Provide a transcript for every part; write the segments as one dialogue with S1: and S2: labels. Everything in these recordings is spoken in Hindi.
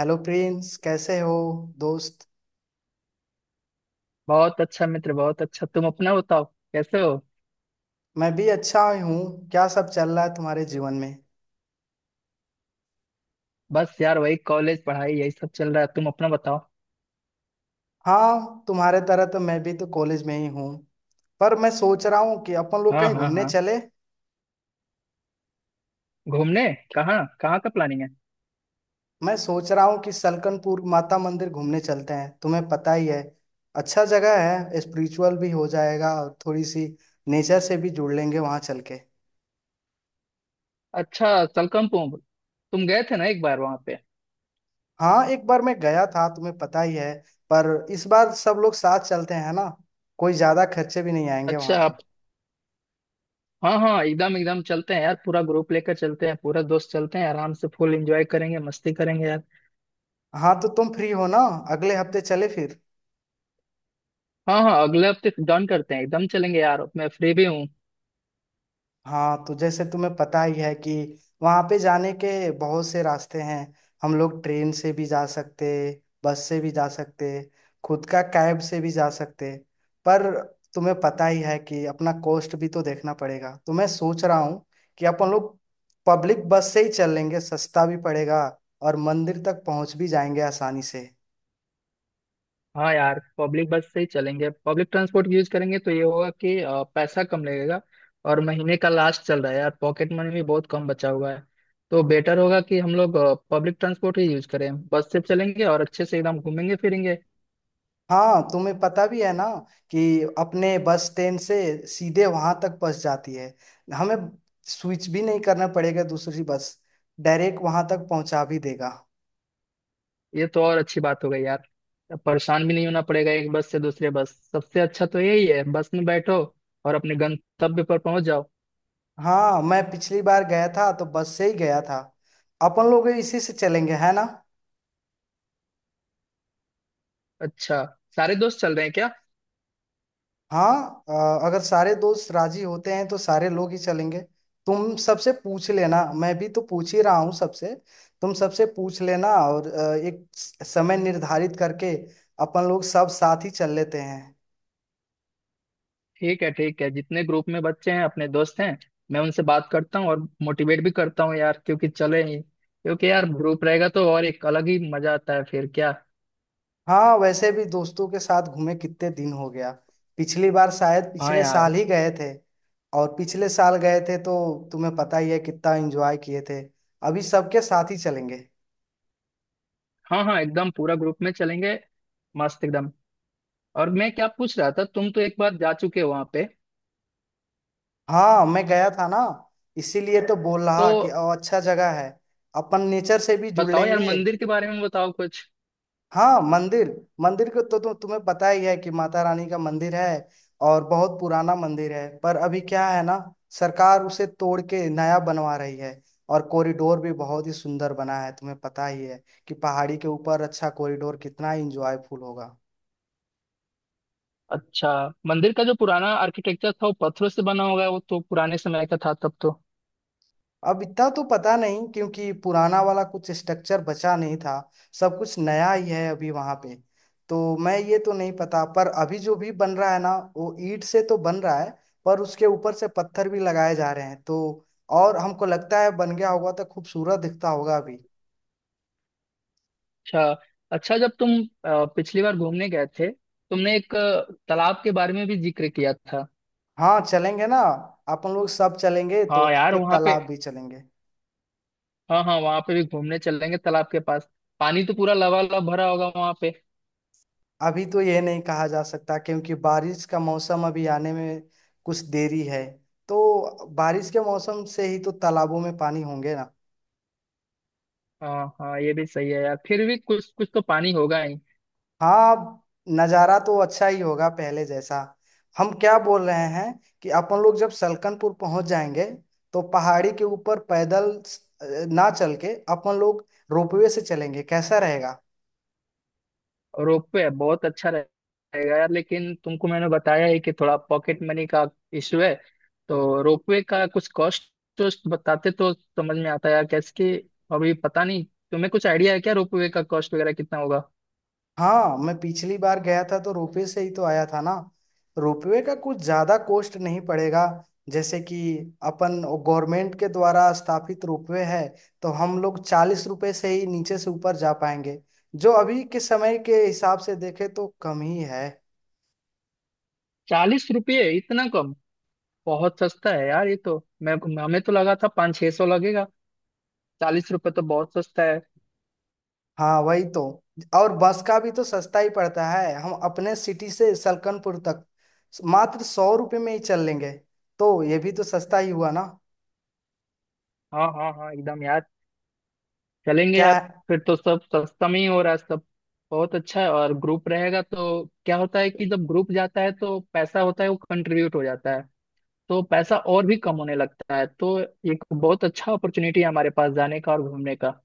S1: हेलो प्रिंस, कैसे हो दोस्त।
S2: बहुत अच्छा मित्र, बहुत अच्छा। तुम अपना बताओ, कैसे हो।
S1: मैं भी अच्छा हूँ। क्या सब चल रहा है तुम्हारे जीवन में।
S2: बस यार वही कॉलेज पढ़ाई यही सब चल रहा है। तुम अपना बताओ।
S1: हाँ, तुम्हारे तरह तो मैं भी तो कॉलेज में ही हूँ। पर मैं सोच रहा हूँ कि अपन लोग
S2: हाँ
S1: कहीं
S2: हाँ
S1: घूमने
S2: हाँ,
S1: चले।
S2: घूमने कहाँ कहाँ का प्लानिंग है।
S1: मैं सोच रहा हूँ कि सलकनपुर माता मंदिर घूमने चलते हैं। तुम्हें पता ही है, अच्छा जगह है। स्पिरिचुअल भी हो जाएगा और थोड़ी सी नेचर से भी जुड़ लेंगे वहाँ चल के।
S2: अच्छा, तलकमपुर। तुम गए थे ना एक बार वहां पे।
S1: हाँ, एक बार मैं गया था, तुम्हें पता ही है। पर इस बार सब लोग साथ चलते हैं ना। कोई ज्यादा खर्चे भी नहीं आएंगे वहाँ
S2: अच्छा
S1: पे।
S2: आप। हाँ हाँ, एकदम एकदम चलते हैं यार। पूरा ग्रुप लेकर चलते हैं, पूरा दोस्त चलते हैं। आराम से फुल एंजॉय करेंगे, मस्ती करेंगे यार।
S1: हाँ तो तुम फ्री हो ना, अगले हफ्ते चले फिर।
S2: हाँ हाँ, अगले हफ्ते डन करते हैं। एकदम चलेंगे यार, मैं फ्री भी हूँ।
S1: हाँ तो जैसे तुम्हें पता ही है कि वहाँ पे जाने के बहुत से रास्ते हैं। हम लोग ट्रेन से भी जा सकते, बस से भी जा सकते, खुद का कैब से भी जा सकते। पर तुम्हें पता ही है कि अपना कॉस्ट भी तो देखना पड़ेगा। तो मैं सोच रहा हूँ कि अपन लोग पब्लिक बस से ही चल लेंगे, सस्ता भी पड़ेगा और मंदिर तक पहुँच भी जाएंगे आसानी से।
S2: हाँ यार, पब्लिक बस से ही चलेंगे। पब्लिक ट्रांसपोर्ट यूज करेंगे तो ये होगा कि पैसा कम लगेगा। और महीने का लास्ट चल रहा है यार, पॉकेट मनी भी बहुत कम बचा हुआ है। तो बेटर होगा कि हम लोग पब्लिक ट्रांसपोर्ट ही यूज करें। बस से चलेंगे और अच्छे से एकदम घूमेंगे फिरेंगे।
S1: हाँ, तुम्हें पता भी है ना कि अपने बस स्टैंड से सीधे वहां तक बस जाती है। हमें स्विच भी नहीं करना पड़ेगा दूसरी बस, डायरेक्ट वहां तक पहुंचा भी देगा।
S2: ये तो और अच्छी बात हो गई यार। परेशान भी नहीं होना पड़ेगा एक बस से दूसरे बस। सबसे अच्छा तो यही है, बस में बैठो और अपने गंतव्य पर पहुंच जाओ।
S1: हाँ, मैं पिछली बार गया था तो बस से ही गया था। अपन लोग इसी से चलेंगे है ना।
S2: अच्छा, सारे दोस्त चल रहे हैं क्या।
S1: हाँ, अगर सारे दोस्त राजी होते हैं तो सारे लोग ही चलेंगे। तुम सबसे पूछ लेना, मैं भी तो पूछ ही रहा हूँ सबसे। तुम सबसे पूछ लेना और एक समय निर्धारित करके अपन लोग सब साथ ही चल लेते हैं।
S2: ठीक है ठीक है, जितने ग्रुप में बच्चे हैं अपने दोस्त हैं, मैं उनसे बात करता हूँ और मोटिवेट भी करता हूँ यार। क्योंकि चले ही, क्योंकि यार ग्रुप रहेगा तो और एक अलग ही मजा आता है फिर क्या।
S1: हाँ, वैसे भी दोस्तों के साथ घूमे कितने दिन हो गया। पिछली बार शायद
S2: हाँ
S1: पिछले साल
S2: यार।
S1: ही गए थे। और पिछले साल गए थे तो तुम्हें पता ही है कितना एंजॉय किए थे। अभी सबके साथ ही चलेंगे।
S2: हाँ हाँ, एकदम पूरा ग्रुप में चलेंगे। मस्त एकदम। और मैं क्या पूछ रहा था, तुम तो एक बार जा चुके हो वहां पे,
S1: हाँ, मैं गया था ना, इसीलिए तो बोल
S2: तो
S1: रहा कि अच्छा जगह है। अपन नेचर से भी जुड़
S2: बताओ यार
S1: लेंगे।
S2: मंदिर के बारे में बताओ कुछ।
S1: हाँ मंदिर, मंदिर को तो तुम्हें पता ही है कि माता रानी का मंदिर है। और बहुत पुराना मंदिर है, पर अभी क्या है ना, सरकार उसे तोड़ के नया बनवा रही है। और कॉरिडोर भी बहुत ही सुंदर बना है। तुम्हें पता ही है कि पहाड़ी के ऊपर अच्छा कॉरिडोर कितना इंजॉयफुल होगा।
S2: अच्छा। मंदिर का जो पुराना आर्किटेक्चर था वो पत्थरों से बना होगा। वो तो पुराने समय का था तब तो।
S1: अब इतना तो पता नहीं, क्योंकि पुराना वाला कुछ स्ट्रक्चर बचा नहीं था। सब कुछ नया ही है अभी वहां पे। तो मैं ये तो नहीं पता, पर अभी जो भी बन रहा है ना, वो ईंट से तो बन रहा है। पर उसके ऊपर से पत्थर भी लगाए जा रहे हैं। तो और हमको लगता है बन गया होगा तो खूबसूरत दिखता होगा अभी।
S2: अच्छा। अच्छा जब तुम पिछली बार घूमने गए थे, तुमने एक तालाब के बारे में भी जिक्र किया था।
S1: हाँ चलेंगे ना। अपन लोग सब चलेंगे तो
S2: हाँ
S1: वहां
S2: यार
S1: पे
S2: वहाँ पे।
S1: तालाब भी चलेंगे।
S2: हाँ हाँ, वहाँ पे भी घूमने चलेंगे तालाब के पास। पानी तो पूरा लबालब भरा होगा वहाँ पे।
S1: अभी तो यह नहीं कहा जा सकता, क्योंकि बारिश का मौसम अभी आने में कुछ देरी है। तो बारिश के मौसम से ही तो तालाबों में पानी होंगे ना।
S2: हाँ हाँ, ये भी सही है यार। फिर भी कुछ कुछ तो पानी होगा ही।
S1: हाँ, नज़ारा तो अच्छा ही होगा पहले जैसा। हम क्या बोल रहे हैं कि अपन लोग जब सलकनपुर पहुंच जाएंगे, तो पहाड़ी के ऊपर पैदल ना चल के अपन लोग रोपवे से चलेंगे, कैसा रहेगा।
S2: और रोप पे है, बहुत अच्छा रहेगा यार। लेकिन तुमको मैंने बताया है कि थोड़ा पॉकेट मनी का इशू है। तो रोपवे का कुछ कॉस्ट वोस्ट बताते तो समझ में आता यार कैसे कि। अभी पता नहीं, तुम्हें कुछ आइडिया है क्या रोपवे का कॉस्ट वगैरह कितना होगा।
S1: हाँ, मैं पिछली बार गया था तो रोपवे से ही तो आया था ना। रोपवे का कुछ ज्यादा कॉस्ट नहीं पड़ेगा। जैसे कि अपन, गवर्नमेंट के द्वारा स्थापित रोपवे है। तो हम लोग 40 रुपए से ही नीचे से ऊपर जा पाएंगे, जो अभी के समय के हिसाब से देखे तो कम ही है।
S2: 40 रुपये, इतना कम। बहुत सस्ता है यार ये तो। मैं, हमें तो लगा था पाँच छह सौ लगेगा। 40 रुपये तो बहुत सस्ता है।
S1: हाँ वही तो। और बस का भी तो सस्ता ही पड़ता है। हम अपने सिटी से सलकनपुर तक मात्र 100 रुपये में ही चल लेंगे। तो ये भी तो सस्ता ही हुआ ना।
S2: हाँ हाँ हाँ एकदम यार, चलेंगे
S1: क्या।
S2: यार। फिर तो सब सस्ता में ही हो रहा है सब। बहुत अच्छा है। और ग्रुप रहेगा तो क्या होता है कि जब ग्रुप जाता है तो पैसा होता है वो कंट्रीब्यूट हो जाता है, तो पैसा और भी कम होने लगता है। तो एक बहुत अच्छा अपॉर्चुनिटी है हमारे पास जाने का और घूमने का।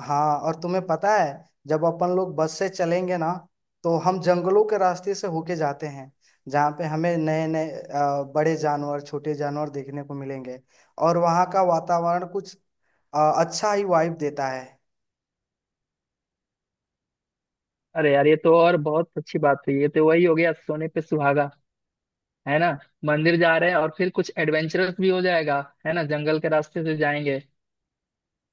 S1: हाँ, और तुम्हें पता है, जब अपन लोग बस से चलेंगे ना, तो हम जंगलों के रास्ते से होके जाते हैं। जहाँ पे हमें नए नए बड़े जानवर, छोटे जानवर देखने को मिलेंगे। और वहाँ का वातावरण कुछ अ, अच्छा ही वाइब देता है।
S2: अरे यार, ये तो और बहुत अच्छी बात हुई। ये तो वही हो गया, सोने पे सुहागा है ना। मंदिर जा रहे हैं और फिर कुछ एडवेंचरस भी हो जाएगा, है ना, जंगल के रास्ते से जाएंगे।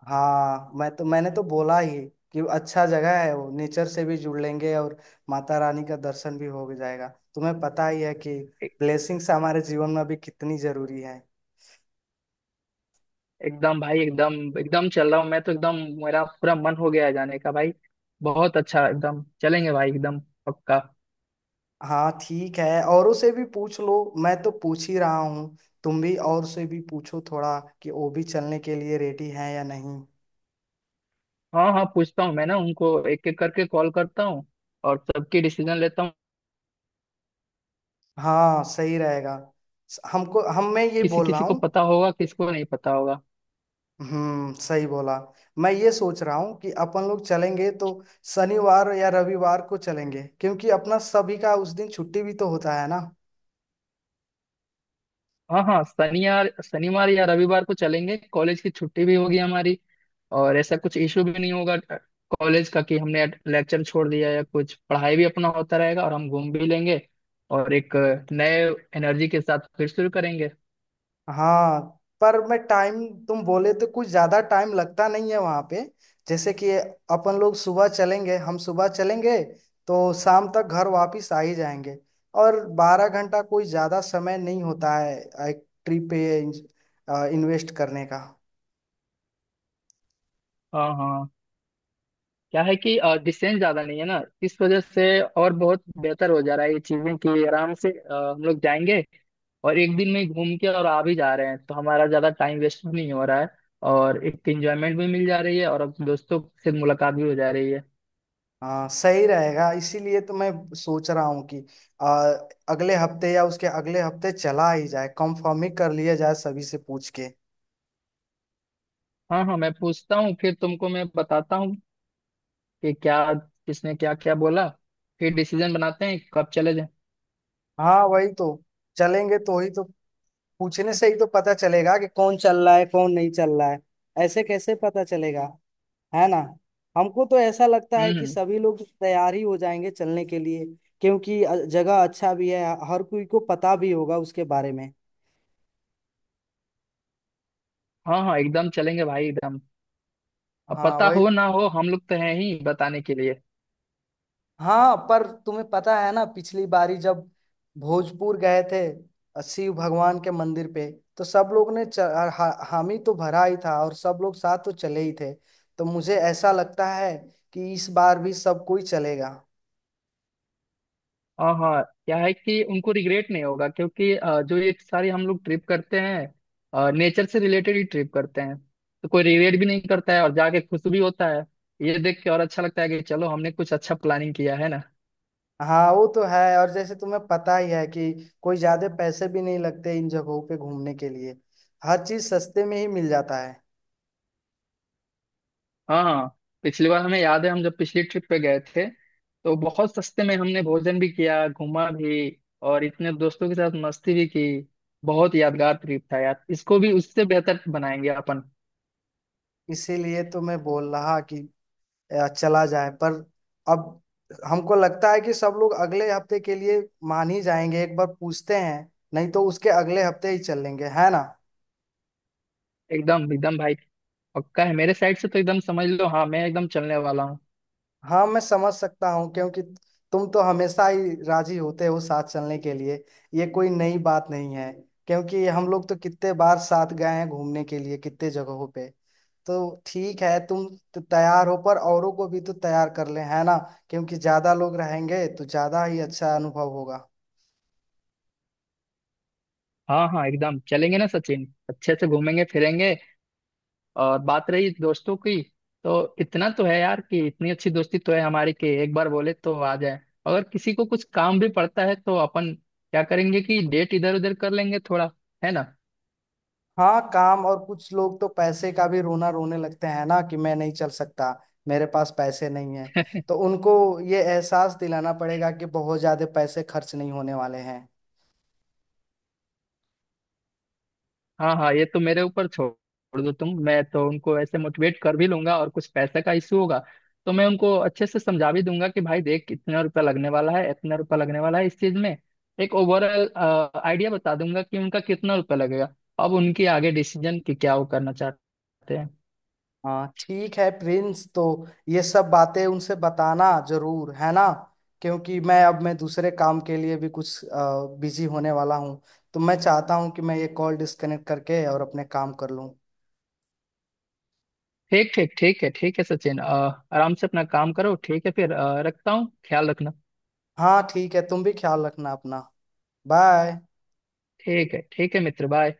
S1: हाँ मैं तो, मैंने तो बोला ही कि अच्छा जगह है। वो नेचर से भी जुड़ लेंगे और माता रानी का दर्शन भी हो जाएगा। तुम्हें पता ही है कि
S2: ए-
S1: ब्लेसिंग्स हमारे जीवन में भी कितनी जरूरी है।
S2: एकदम भाई, एकदम एकदम चल रहा हूँ मैं तो एकदम। मेरा पूरा मन हो गया है जाने का भाई। बहुत अच्छा, एकदम चलेंगे भाई एकदम। पक्का।
S1: हाँ ठीक है, औरों से भी पूछ लो, मैं तो पूछ ही रहा हूँ। तुम भी और से भी पूछो थोड़ा कि वो भी चलने के लिए रेडी हैं या नहीं।
S2: हाँ हाँ, पूछता हूँ मैं ना। उनको एक एक करके कॉल करता हूँ और सबकी डिसीजन लेता हूँ।
S1: हाँ सही रहेगा। हमको हम मैं ये
S2: किसी
S1: बोल रहा
S2: किसी को
S1: हूँ।
S2: पता होगा, किसी को नहीं पता होगा।
S1: हम्म, सही बोला। मैं ये सोच रहा हूँ कि अपन लोग चलेंगे तो शनिवार या रविवार को चलेंगे, क्योंकि अपना सभी का उस दिन छुट्टी भी तो होता है ना।
S2: हाँ हाँ, शनिवार शनिवार या रविवार को चलेंगे। कॉलेज की छुट्टी भी होगी हमारी। और ऐसा कुछ इशू भी नहीं होगा कॉलेज का कि हमने लेक्चर छोड़ दिया। या कुछ पढ़ाई भी अपना होता रहेगा और हम घूम भी लेंगे और एक नए एनर्जी के साथ फिर शुरू करेंगे।
S1: हाँ पर मैं टाइम, तुम बोले तो कुछ ज्यादा टाइम लगता नहीं है वहां पे। जैसे कि अपन लोग सुबह चलेंगे, हम सुबह चलेंगे तो शाम तक घर वापिस आ ही जाएंगे। और 12 घंटा कोई ज्यादा समय नहीं होता है एक ट्रिप पे इन्वेस्ट करने का।
S2: हाँ हाँ, क्या है कि डिस्टेंस ज्यादा नहीं है ना, इस वजह से और बहुत बेहतर हो जा रहा है ये चीजें कि आराम से हम लोग जाएंगे और एक दिन में ही घूम के और आ भी जा रहे हैं। तो हमारा ज्यादा टाइम वेस्ट भी नहीं हो रहा है और एक एंजॉयमेंट भी मिल जा रही है। और अब दोस्तों से मुलाकात भी हो जा रही है।
S1: हाँ सही रहेगा। इसीलिए तो मैं सोच रहा हूँ कि आ, अगले हफ्ते या उसके अगले हफ्ते चला ही जाए, कंफर्म ही कर लिया जाए सभी से पूछ के।
S2: हाँ हाँ, मैं पूछता हूँ। फिर तुमको मैं बताता हूँ कि क्या किसने क्या क्या बोला। फिर डिसीजन बनाते हैं कब चले जाए।
S1: हाँ वही तो, चलेंगे तो ही तो। पूछने से ही तो पता चलेगा कि कौन चल रहा है कौन नहीं चल रहा है। ऐसे कैसे पता चलेगा, है ना। हमको तो ऐसा लगता है कि
S2: हम्म।
S1: सभी लोग तैयार ही हो जाएंगे चलने के लिए, क्योंकि जगह अच्छा भी है। हर कोई को पता भी होगा उसके बारे में।
S2: हाँ हाँ, एकदम चलेंगे भाई एकदम। अब
S1: हाँ
S2: पता
S1: वही।
S2: हो ना हो, हम लोग तो हैं ही बताने के लिए।
S1: हाँ पर तुम्हें पता है ना, पिछली बारी जब भोजपुर गए थे, शिव भगवान के मंदिर पे, तो सब लोग ने हामी तो भरा ही था और सब लोग साथ तो चले ही थे। तो मुझे ऐसा लगता है कि इस बार भी सब कोई चलेगा।
S2: हाँ हाँ, क्या है कि उनको रिग्रेट नहीं होगा क्योंकि जो ये सारी हम लोग ट्रिप करते हैं नेचर से रिलेटेड ही ट्रिप करते हैं। तो कोई रिग्रेट भी नहीं करता है और जाके खुश भी होता है। ये देख के और अच्छा लगता है कि चलो हमने कुछ अच्छा प्लानिंग किया है ना।
S1: हाँ वो तो है। और जैसे तुम्हें पता ही है कि कोई ज्यादा पैसे भी नहीं लगते इन जगहों पे घूमने के लिए। हर चीज सस्ते में ही मिल जाता है।
S2: हाँ हाँ। पिछली बार हमें याद है, हम जब पिछली ट्रिप पे गए थे तो बहुत सस्ते में हमने भोजन भी किया, घूमा भी, और इतने दोस्तों के साथ मस्ती भी की। बहुत यादगार ट्रिप था यार। इसको भी उससे बेहतर बनाएंगे अपन।
S1: इसीलिए तो मैं बोल रहा कि चला जाए। पर अब हमको लगता है कि सब लोग अगले हफ्ते के लिए मान ही जाएंगे। एक बार पूछते हैं, नहीं तो उसके अगले हफ्ते ही चलेंगे, है ना।
S2: एकदम एकदम भाई। पक्का है मेरे साइड से, तो एकदम समझ लो, हाँ मैं एकदम चलने वाला हूँ।
S1: हाँ मैं समझ सकता हूँ, क्योंकि तुम तो हमेशा ही राजी होते हो साथ चलने के लिए। ये कोई नई बात नहीं है, क्योंकि हम लोग तो कितने बार साथ गए हैं घूमने के लिए कितने जगहों पे। तो ठीक है, तुम तो तैयार हो, पर औरों को भी तो तैयार कर ले, है ना। क्योंकि ज्यादा लोग रहेंगे तो ज्यादा ही अच्छा अनुभव होगा।
S2: हाँ हाँ, एकदम चलेंगे ना सचिन, अच्छे से घूमेंगे फिरेंगे। और बात रही दोस्तों की, तो इतना तो है यार कि इतनी अच्छी दोस्ती तो है हमारी कि एक बार बोले तो आ जाए। अगर किसी को कुछ काम भी पड़ता है तो अपन क्या करेंगे कि डेट इधर उधर कर लेंगे थोड़ा, है ना।
S1: हाँ काम, और कुछ लोग तो पैसे का भी रोना रोने लगते हैं ना कि मैं नहीं चल सकता, मेरे पास पैसे नहीं है। तो उनको ये एहसास दिलाना पड़ेगा कि बहुत ज्यादा पैसे खर्च नहीं होने वाले हैं।
S2: हाँ हाँ, ये तो मेरे ऊपर छोड़ दो तुम। मैं तो उनको ऐसे मोटिवेट कर भी लूंगा। और कुछ पैसे का इशू होगा तो मैं उनको अच्छे से समझा भी दूंगा कि भाई देख, इतना रुपया लगने वाला है, इतना रुपया लगने वाला है इस चीज में। एक ओवरऑल आइडिया बता दूंगा कि उनका कितना रुपया लगेगा। अब उनकी आगे डिसीजन कि क्या वो करना चाहते हैं।
S1: हाँ ठीक है प्रिंस, तो ये सब बातें उनसे बताना जरूर, है ना। क्योंकि मैं अब मैं दूसरे काम के लिए भी कुछ बिजी होने वाला हूँ। तो मैं चाहता हूँ कि मैं ये कॉल डिस्कनेक्ट करके और अपने काम कर लूँ।
S2: ठीक ठीक, ठीक है सचिन, आराम से अपना काम करो। ठीक है। फिर रखता हूँ, ख्याल रखना।
S1: हाँ ठीक है, तुम भी ख्याल रखना अपना। बाय।
S2: ठीक है मित्र, बाय।